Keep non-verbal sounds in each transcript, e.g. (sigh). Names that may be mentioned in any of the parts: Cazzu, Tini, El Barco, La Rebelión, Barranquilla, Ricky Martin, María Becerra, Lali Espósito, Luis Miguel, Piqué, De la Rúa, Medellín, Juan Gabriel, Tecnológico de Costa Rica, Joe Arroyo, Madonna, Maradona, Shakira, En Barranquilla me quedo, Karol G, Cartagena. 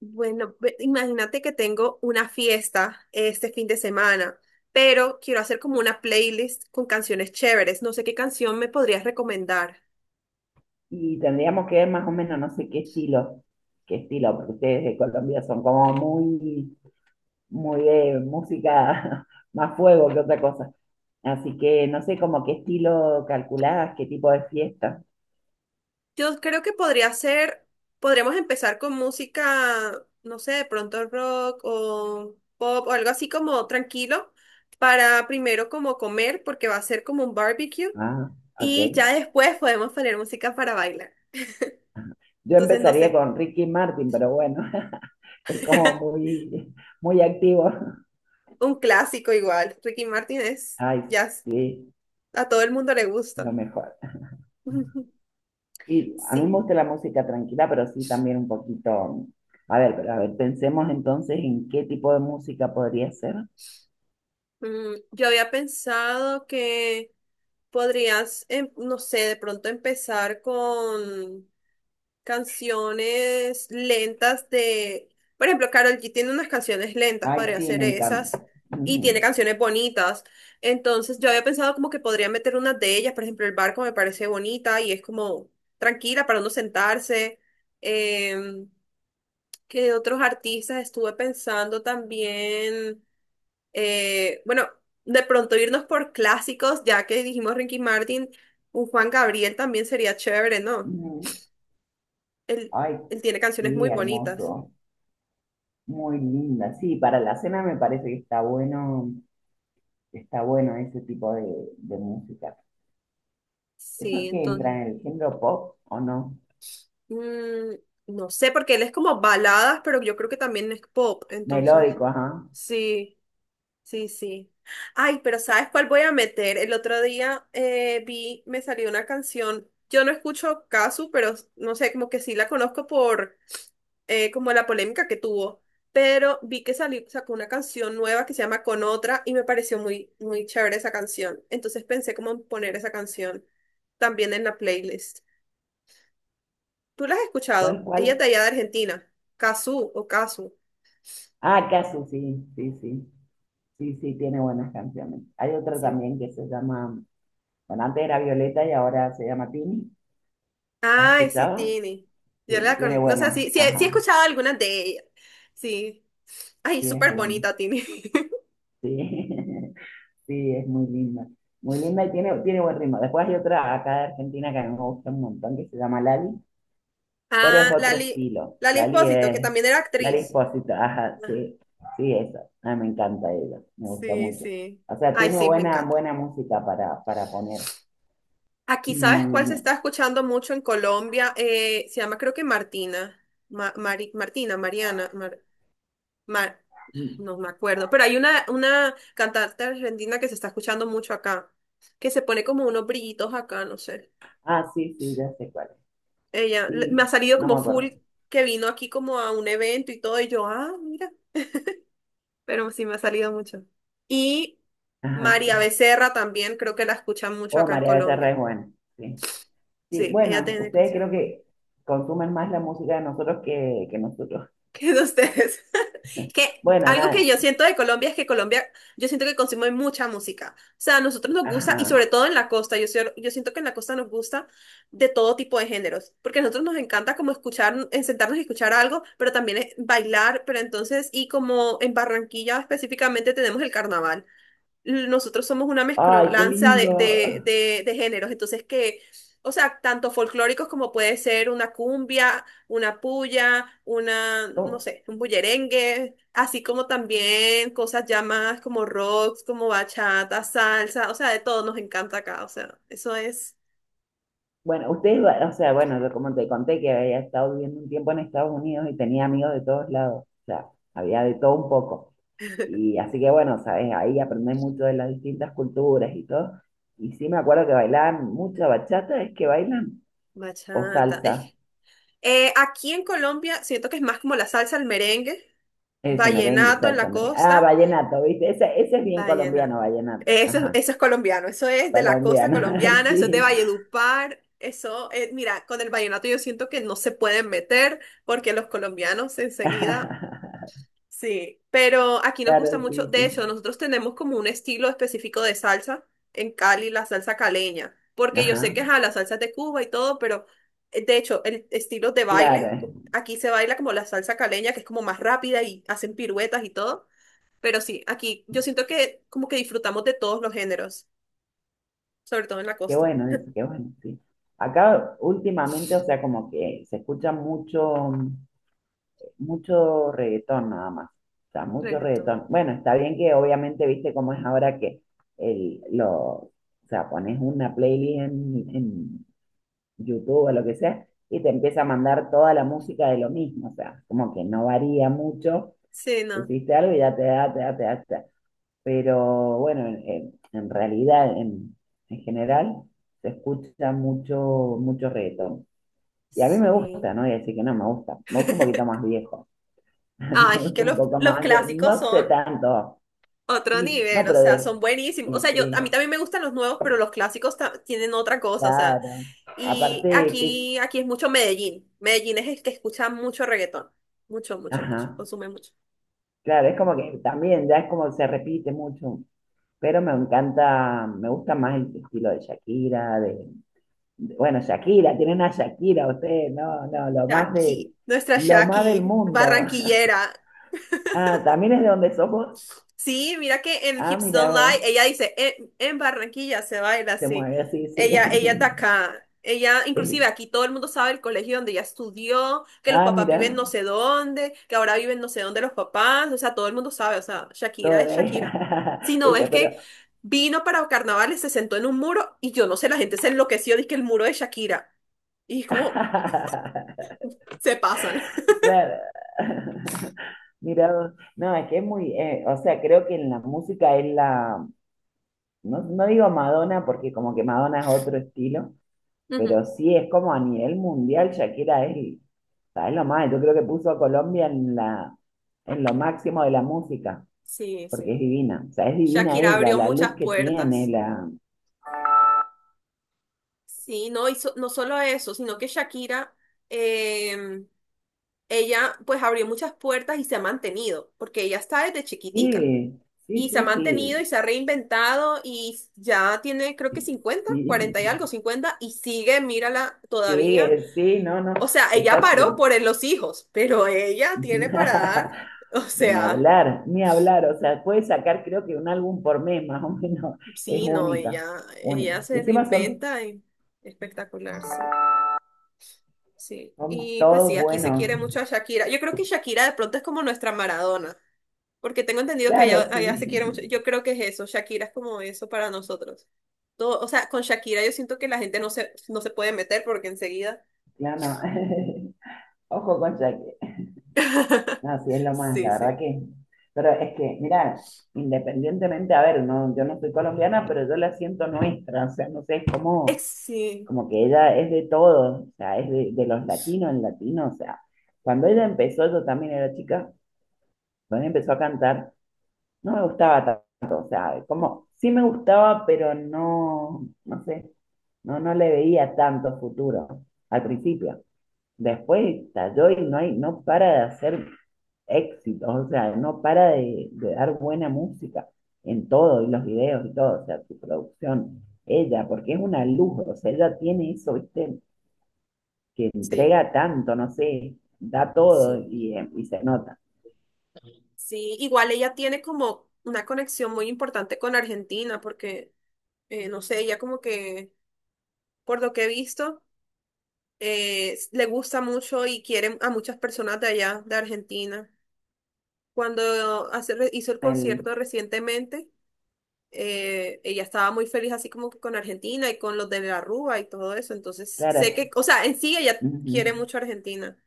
Bueno, imagínate que tengo una fiesta este fin de semana, pero quiero hacer como una playlist con canciones chéveres. No sé qué canción me podrías recomendar. Y tendríamos que ver más o menos, no sé qué estilo, porque ustedes de Colombia son como muy, muy de música (laughs) más fuego que otra cosa. Así que no sé como qué estilo calculabas, qué tipo de fiesta. Yo creo que podría ser, podríamos empezar con música, no sé, de pronto rock o pop o algo así como tranquilo para primero como comer, porque va a ser como un barbecue Ah, ok. y ya después podemos poner música para bailar. Yo Entonces, no empezaría sé, con Ricky Martin, pero bueno, (laughs) es como (laughs) muy, muy activo. un clásico igual. Ricky Martin (laughs) es Ay, jazz. sí, A todo el mundo le lo gusta. mejor. (laughs) Y a mí me Sí. gusta la música tranquila, pero sí también un poquito. A ver, pero a ver, pensemos entonces en qué tipo de música podría ser. Yo había pensado que podrías, no sé, de pronto empezar con canciones lentas de, por ejemplo, Karol G tiene unas canciones lentas, Ay, podría sí, hacer me esas, encanta. y tiene Ujú, canciones bonitas. Entonces yo había pensado como que podría meter unas de ellas, por ejemplo, El Barco me parece bonita y es como tranquila para uno sentarse. Em, ¿Qué otros artistas estuve pensando también? Bueno, de pronto irnos por clásicos, ya que dijimos Ricky Martin, un Juan Gabriel también sería chévere, ¿no? ujú. Él, Ay, él tiene canciones muy sí, bonitas. hermoso. Muy linda. Sí, para la cena me parece que está bueno ese tipo de música. ¿Eso Sí, es que entra entonces. en el género pop o no? Mm, no sé, porque él es como baladas, pero yo creo que también es pop, entonces. Melódico, ajá. Sí, sí, sí. Ay, pero ¿sabes cuál voy a meter? El otro día me salió una canción. Yo no escucho Casu, pero no sé, como que sí la conozco por como la polémica que tuvo, pero vi que salió, sacó una canción nueva que se llama Con Otra y me pareció muy, muy chévere esa canción. Entonces pensé como en poner esa canción también en la playlist. ¿Tú la has ¿Cuál, escuchado? Ella es cuál? de allá de Argentina, Cazzu o Casu. Ah, Casu, sí, sí, sí. Sí, sí, tiene buenas canciones. Hay otra Sí. también que se llama. Bueno, antes era Violeta y ahora se llama Tini. ¿Has Ay, sí, escuchado? Tini. Sí, tiene No sé, sí, buena. sí, he Ajá, escuchado algunas de ellas. Sí. Ay, sí, es súper bueno. bonita, Tini. (laughs) Sí, (laughs) sí, es muy linda. Muy linda y tiene, tiene buen ritmo. Después hay otra acá de Argentina que a mí me gusta un montón, que se llama Lali, pero es Ah, otro Lali, estilo. Lali Lali Espósito, que es, también era Lali actriz. Espósito, ajá, Ah, sí, sí, eso. A mí me encanta ella, me gusta sí, mucho. sí. O sea, Ay, tiene sí, me buena, encanta. buena música para poner. Y Aquí, ¿sabes cuál se me- está escuchando mucho en Colombia? Se llama creo que Martina, Martina, Mariana, Mar- y- no me acuerdo, pero hay una cantante argentina que se está escuchando mucho acá, que se pone como unos brillitos acá, no sé. ah, sí, sí, ya sé cuál es. Ella, me ha Sí, salido no me como full acuerdo. que vino aquí como a un evento y todo, y yo, ah, mira, pero sí me ha salido mucho. Y Ajá, María sí. Becerra también creo que la escuchan mucho Oh, acá en María Becerra Colombia. es buena, sí. Sí, Sí, ella bueno, tiene ustedes creo canciones buenas. que consumen más la música de nosotros que nosotros. (laughs) ¿Qué de ustedes? (laughs) Que Bueno, algo que nada. yo siento de Colombia es que Colombia, yo siento que consume mucha música. O sea, a nosotros nos gusta, y Ajá. sobre todo en la costa, yo, yo siento que en la costa nos gusta de todo tipo de géneros, porque a nosotros nos encanta como escuchar, en sentarnos y escuchar algo, pero también es bailar, pero entonces, y como en Barranquilla específicamente tenemos el carnaval nosotros somos una Ay, qué mezcolanza de, lindo. de, de, de géneros, entonces que, o sea, tanto folclóricos como puede ser una cumbia, una puya, una, no ¿Cómo? sé, un bullerengue, así como también cosas ya más como rocks, como bachata, salsa, o sea, de todo nos encanta acá, o sea, eso es Bueno, ustedes, va- o sea, bueno, yo como te conté que había estado viviendo un tiempo en Estados Unidos y tenía amigos de todos lados, o sea, había de todo un poco. Y así que bueno, sabes, ahí aprendí mucho de las distintas culturas y todo. Y sí me acuerdo que bailaban mucha bachata, es que bailan, o bachata. Salsa. Aquí en Colombia siento que es más como la salsa, el merengue, Eso, merengue, vallenato en salsa, la merengue. Ah, costa. vallenato, ¿viste? Ese es bien Diana. colombiano, vallenato. Eso, Ajá, eso es colombiano, eso es de la costa colombiano, (laughs) colombiana, eso es de sí. Valledupar. Eso, mira, con el vallenato yo siento que no se pueden meter porque los colombianos enseguida, (laughs) sí, pero aquí nos Claro, gusta mucho, sí, de sí. hecho, nosotros tenemos como un estilo específico de salsa en Cali, la salsa caleña, porque yo sé Ajá, que ajá, la salsa es de Cuba y todo, pero de hecho, el estilo de claro. baile, aquí se baila como la salsa caleña, que es como más rápida y hacen piruetas y todo. Pero sí, aquí yo siento que como que disfrutamos de todos los géneros, sobre todo en la Qué costa. bueno eso, qué bueno, sí. Acá últimamente, o sea, como que se escucha mucho, mucho reggaetón nada más. O sea, mucho Reggaetón. reggaetón. Bueno, está bien que obviamente, viste cómo es ahora que el, lo, o sea, pones una playlist en YouTube o lo que sea, y te empieza a mandar toda la música de lo mismo, o sea, como que no varía mucho, Sí, no. hiciste algo y ya te da, te da, te da, te da. Pero bueno, en realidad, en general, se escucha mucho, mucho reggaetón. Y a mí me Sí. gusta, no voy a decir que no me gusta, me gusta un poquito más (laughs) viejo, (laughs) me Ay, es gusta que un poco los más de, clásicos no sé son tanto. otro Sí, no, nivel, o pero sea, son de, buenísimos. y O sea, yo sí, a mí también me gustan los nuevos, pero los clásicos tienen otra cosa, o sea. claro, Y aparte que es, aquí, aquí es mucho Medellín. Medellín es el que escucha mucho reggaetón. Mucho, mucho, mucho. ajá. Consume mucho. Claro, es como que también ya es como se repite mucho, pero me encanta, me gusta más el estilo de Shakira, de- bueno, Shakira, tiene una Shakira usted, no, no, Shaki, nuestra lo más del Shaki, mundo. (laughs) barranquillera. Ah, también es de donde somos. Sí, mira que en Ah, Hips mira, Don't Lie, vos, ella dice, en Barranquilla se baila se así. mueve así, Ella es de sí. (laughs) acá. Ella, inclusive Eh, aquí todo el mundo sabe el colegio donde ella estudió, que los Ah, papás viven mira, no sé dónde, que ahora viven no sé dónde los papás, o sea, todo el mundo sabe, o sea, Shakira toda (laughs) es Shakira. Si ella, no, es ella, pero que vino para carnavales, se sentó en un muro y yo no sé, la gente se enloqueció, dice que el muro de Shakira. Y es como, (laughs) se pasan. claro. (laughs) Mira, vos. No, es que es muy, o sea, creo que en la música es la, no, no digo Madonna porque como que Madonna es otro estilo, (laughs) pero Ujú. sí es como a nivel mundial, Shakira es, ¿sabes lo más? Yo creo que puso a Colombia en la, en lo máximo de la música, Sí, porque es sí. divina, o sea, es divina Shakira ella, abrió la luz muchas que tiene, puertas. la... Sí, no, y no solo eso, sino que Shakira, em, ella pues abrió muchas puertas y se ha mantenido, porque ella está desde chiquitica Sí, sí, y se ha sí, mantenido y sí, se ha reinventado y ya tiene creo que 50 sí, 40 y algo, 50 y sigue, mírala sí, todavía. Sí, no, no, O sea, ella está paró siempre. por (laughs) los hijos, pero ella tiene para dar. (laughs) O Ni sea, hablar, ni hablar, o sea, puede sacar creo que un álbum por mes más o menos, es sí, no, única, ella, única. ella Y se encima son. reinventa y espectacular, sí. Sí, Son y pues todos sí, aquí se buenos. quiere mucho a Shakira. Yo creo que Shakira de pronto es como nuestra Maradona, porque tengo entendido que Claro, allá, allá se quiere sí. mucho. Yo (laughs) creo que es eso, Shakira es como eso para nosotros. Todo, o sea, con Shakira yo siento que la gente no se, no se puede meter porque enseguida. Claro, no. (laughs) Ojo con Jaque. (laughs) No, sí, es lo más, Sí, la sí. verdad que. Pero es que, mira, independientemente, a ver, no, yo no soy colombiana, pero yo la siento nuestra. O sea, no sé, es como, Sí, como que ella es de todos. O sea, es de los latinos, el latino. O sea, cuando ella empezó, yo también era chica, cuando ella empezó a cantar, no me gustaba tanto, o sea, como sí me gustaba, pero no, no sé, no, no le veía tanto futuro al principio. Después estalló y no hay, no para de hacer éxitos, o sea, no para de dar buena música en todo, y los videos y todo, o sea, su producción, ella, porque es una luz, o sea, ella tiene eso, viste, que sí, entrega tanto, no sé, da todo sí, y se nota. sí. Igual ella tiene como una conexión muy importante con Argentina, porque, no sé, ella como que, por lo que he visto. Le gusta mucho y quiere a muchas personas de allá, de Argentina. Cuando hizo el concierto El, recientemente, ella estaba muy feliz así como que con Argentina y con los de la Rúa y todo eso. Entonces, sé claro. que, o sea, en sí ella quiere Ujú. mucho a Argentina.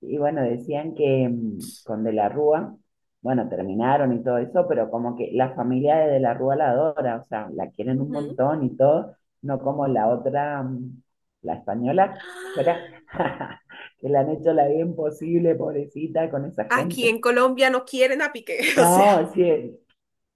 Y bueno, decían que mm, con De la Rúa, bueno, terminaron y todo eso, pero como que la familia de la Rúa la adora, o sea, la quieren un Ujú. montón y todo, no como la otra, mm, la española, fuera, (laughs) que le han hecho la vida imposible, pobrecita, con esa Aquí gente. en Colombia no quieren a Piqué, (laughs) o sea, No, sí,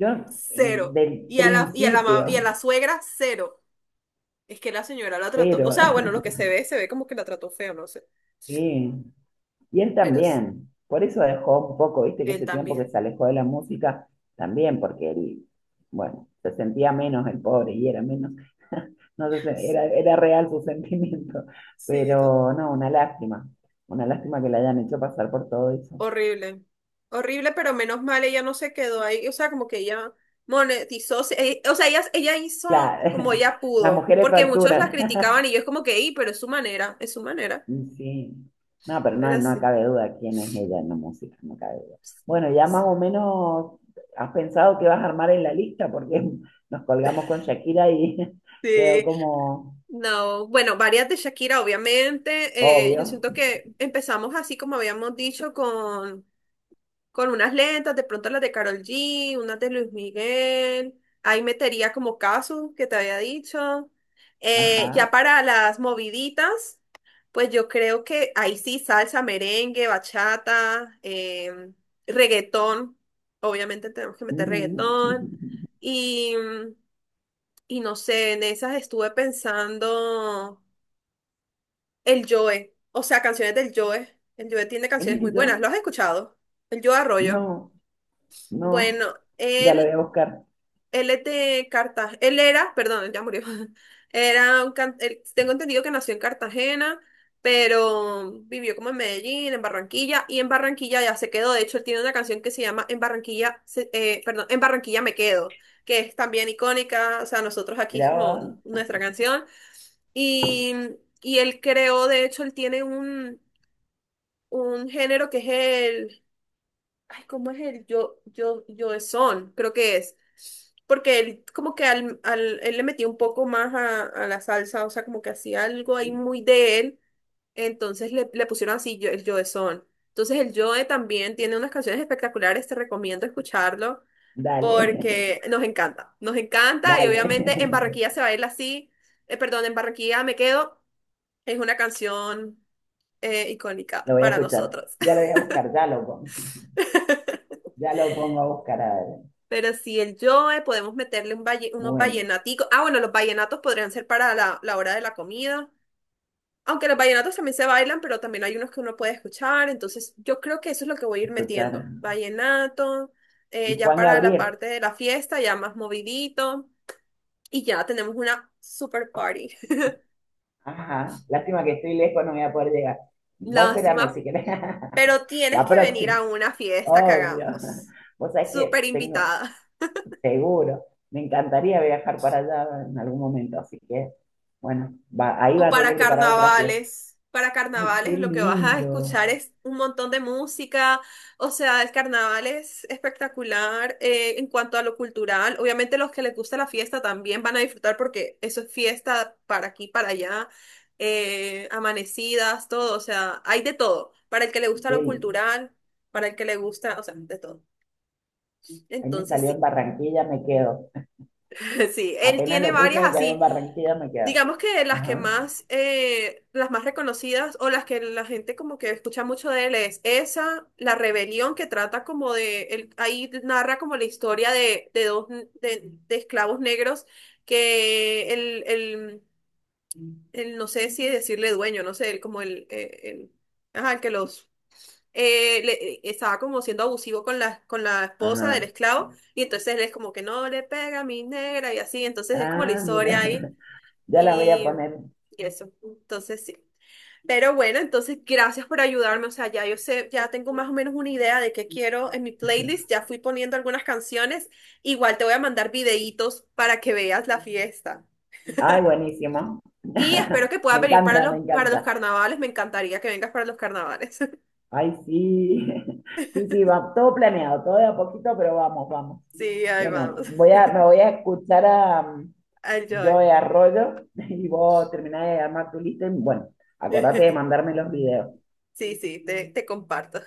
yo cero. del Y a la, y a la, ma- y a principio, la suegra, cero. Es que la señora la trató, o cero, sea, bueno, lo que se ve como que la trató feo, no sé, (laughs) sí. Y él pero también, por eso dejó un poco, viste, que él ese tiempo que también. se alejó de la música, también porque él, bueno, se sentía menos el pobre y era menos, (laughs) no sé, se- era, era real su sentimiento, Sí, total. pero no, una lástima que le hayan hecho pasar por todo eso. Horrible. Horrible, pero menos mal ella no se quedó ahí. O sea, como que ella monetizó. O sea, ella hizo como Claro, ella (laughs) las pudo. mujeres Porque muchos la facturan. criticaban y yo es como que, "Ey, pero es su manera, es su manera. Mm, sí, no, pero no, Pero no sí. cabe duda quién es ella en la música, no cabe duda. Bueno, ya más o menos has pensado que vas a armar en la lista, porque (laughs) nos colgamos con Shakira y (laughs) quedó Sí. como No. Bueno, varias de Shakira, obviamente. Yo obvio. siento que empezamos así como habíamos dicho con unas lentas, de pronto las de Karol G, unas de Luis Miguel. Ahí metería como caso que te había dicho. Ya Ajá. para las moviditas, pues yo creo que ahí sí salsa, merengue, bachata, reggaetón. Obviamente tenemos que meter Ujú. reggaetón. Y, y no sé, en esas estuve pensando el Joe, o sea, canciones del Joe. El Joe tiene ¿Quién canciones muy es buenas. Joy? ¿Lo has escuchado? El Joe Arroyo. No, no, Bueno, ya lo voy él, a buscar. él es de Cartagena, él era, perdón, ya murió. (laughs) Era un tengo entendido que nació en Cartagena, pero vivió como en Medellín, en Barranquilla, y en Barranquilla ya se quedó. De hecho, él tiene una canción que se llama En Barranquilla, perdón, En Barranquilla me quedo, que es también icónica. O sea, nosotros aquí es Mira, como va. nuestra canción. Y, y él creó, de hecho, él tiene un género que es Ay, ¿cómo es el yo, yo, yo es son? Creo que es. Porque él como que él le metía un poco más a la salsa, o sea, como que hacía algo ahí muy de él. Entonces le pusieron así yo, el Joe son. Entonces el Joe también tiene unas canciones espectaculares, te recomiendo escucharlo Dale, (laughs) porque nos encanta. Nos encanta y dale, obviamente en Barranquilla se baila así. Perdón, en Barranquilla me quedo. Es una canción (laughs) icónica lo voy a para escuchar. nosotros. Ya lo voy a buscar, (laughs) ya lo pongo a buscar. A ver. Pero si el Joe, podemos meterle un unos Bueno, vallenaticos. Ah, bueno, los vallenatos podrían ser para la hora de la comida. Aunque los vallenatos también se bailan, pero también hay unos que uno puede escuchar. Entonces, yo creo que eso es lo que voy a ir metiendo. escuchar. Vallenato, Y ya Juan para la Gabriel. parte de la fiesta, ya más movidito. Y ya tenemos una super party. Ajá, lástima que estoy lejos, no voy a poder llegar. (laughs) Vos espérame Lástima, si querés. pero (laughs) tienes La que venir próxima, a una fiesta que obvio. hagamos. Vos sabés que Súper tengo, invitada. seguro, me encantaría viajar para allá en algún momento, así que, bueno, va- ahí va O a tener para que preparar otra fiesta. carnavales. Para Ay, qué carnavales lo que vas a lindo. escuchar es un montón de música. O sea, el carnaval es espectacular en cuanto a lo cultural. Obviamente los que les gusta la fiesta también van a disfrutar porque eso es fiesta para aquí, para allá. Amanecidas, todo. O sea, hay de todo. Para el que le gusta Qué lo li- cultural, para el que le gusta, o sea, de todo. ahí me Entonces salió en sí, Barranquilla, me quedo. (laughs) sí. Él Apenas tiene lo puse, varias me salió en así. Barranquilla, me quedo. Digamos que las que Ajá, más, las más reconocidas o las que la gente como que escucha mucho de él es esa, La Rebelión, que trata como de, él, ahí narra como la historia de dos n- de esclavos negros que no sé si decirle dueño, no sé, el, como el, ajá, el que los, estaba como siendo abusivo con la esposa del ajá. esclavo y entonces él es como que no le pega a mi negra y así, entonces es como la Ah, mira, historia ahí. (laughs) ya la voy a Y, poner. y eso, entonces sí. Pero bueno, entonces gracias por ayudarme. O sea, ya yo sé, ya tengo más o menos una idea de qué quiero en mi playlist. Ya fui poniendo algunas canciones. Igual te voy a mandar videitos para que veas la fiesta. Ay, buenísimo. Y espero (laughs) que puedas Me venir para encanta, me los, para los encanta. carnavales. Me encantaría que vengas para los carnavales. (laughs) Ay, sí, (laughs) sí, sí, va, todo planeado, todo de a poquito, pero vamos, vamos. Sí, ahí Bueno, vamos. voy a, me voy a escuchar a Enjoy. Joe Arroyo (laughs) y vos terminás de armar tu lista y bueno, acordate de (laughs) mandarme los videos. Sí, sí, te comparto.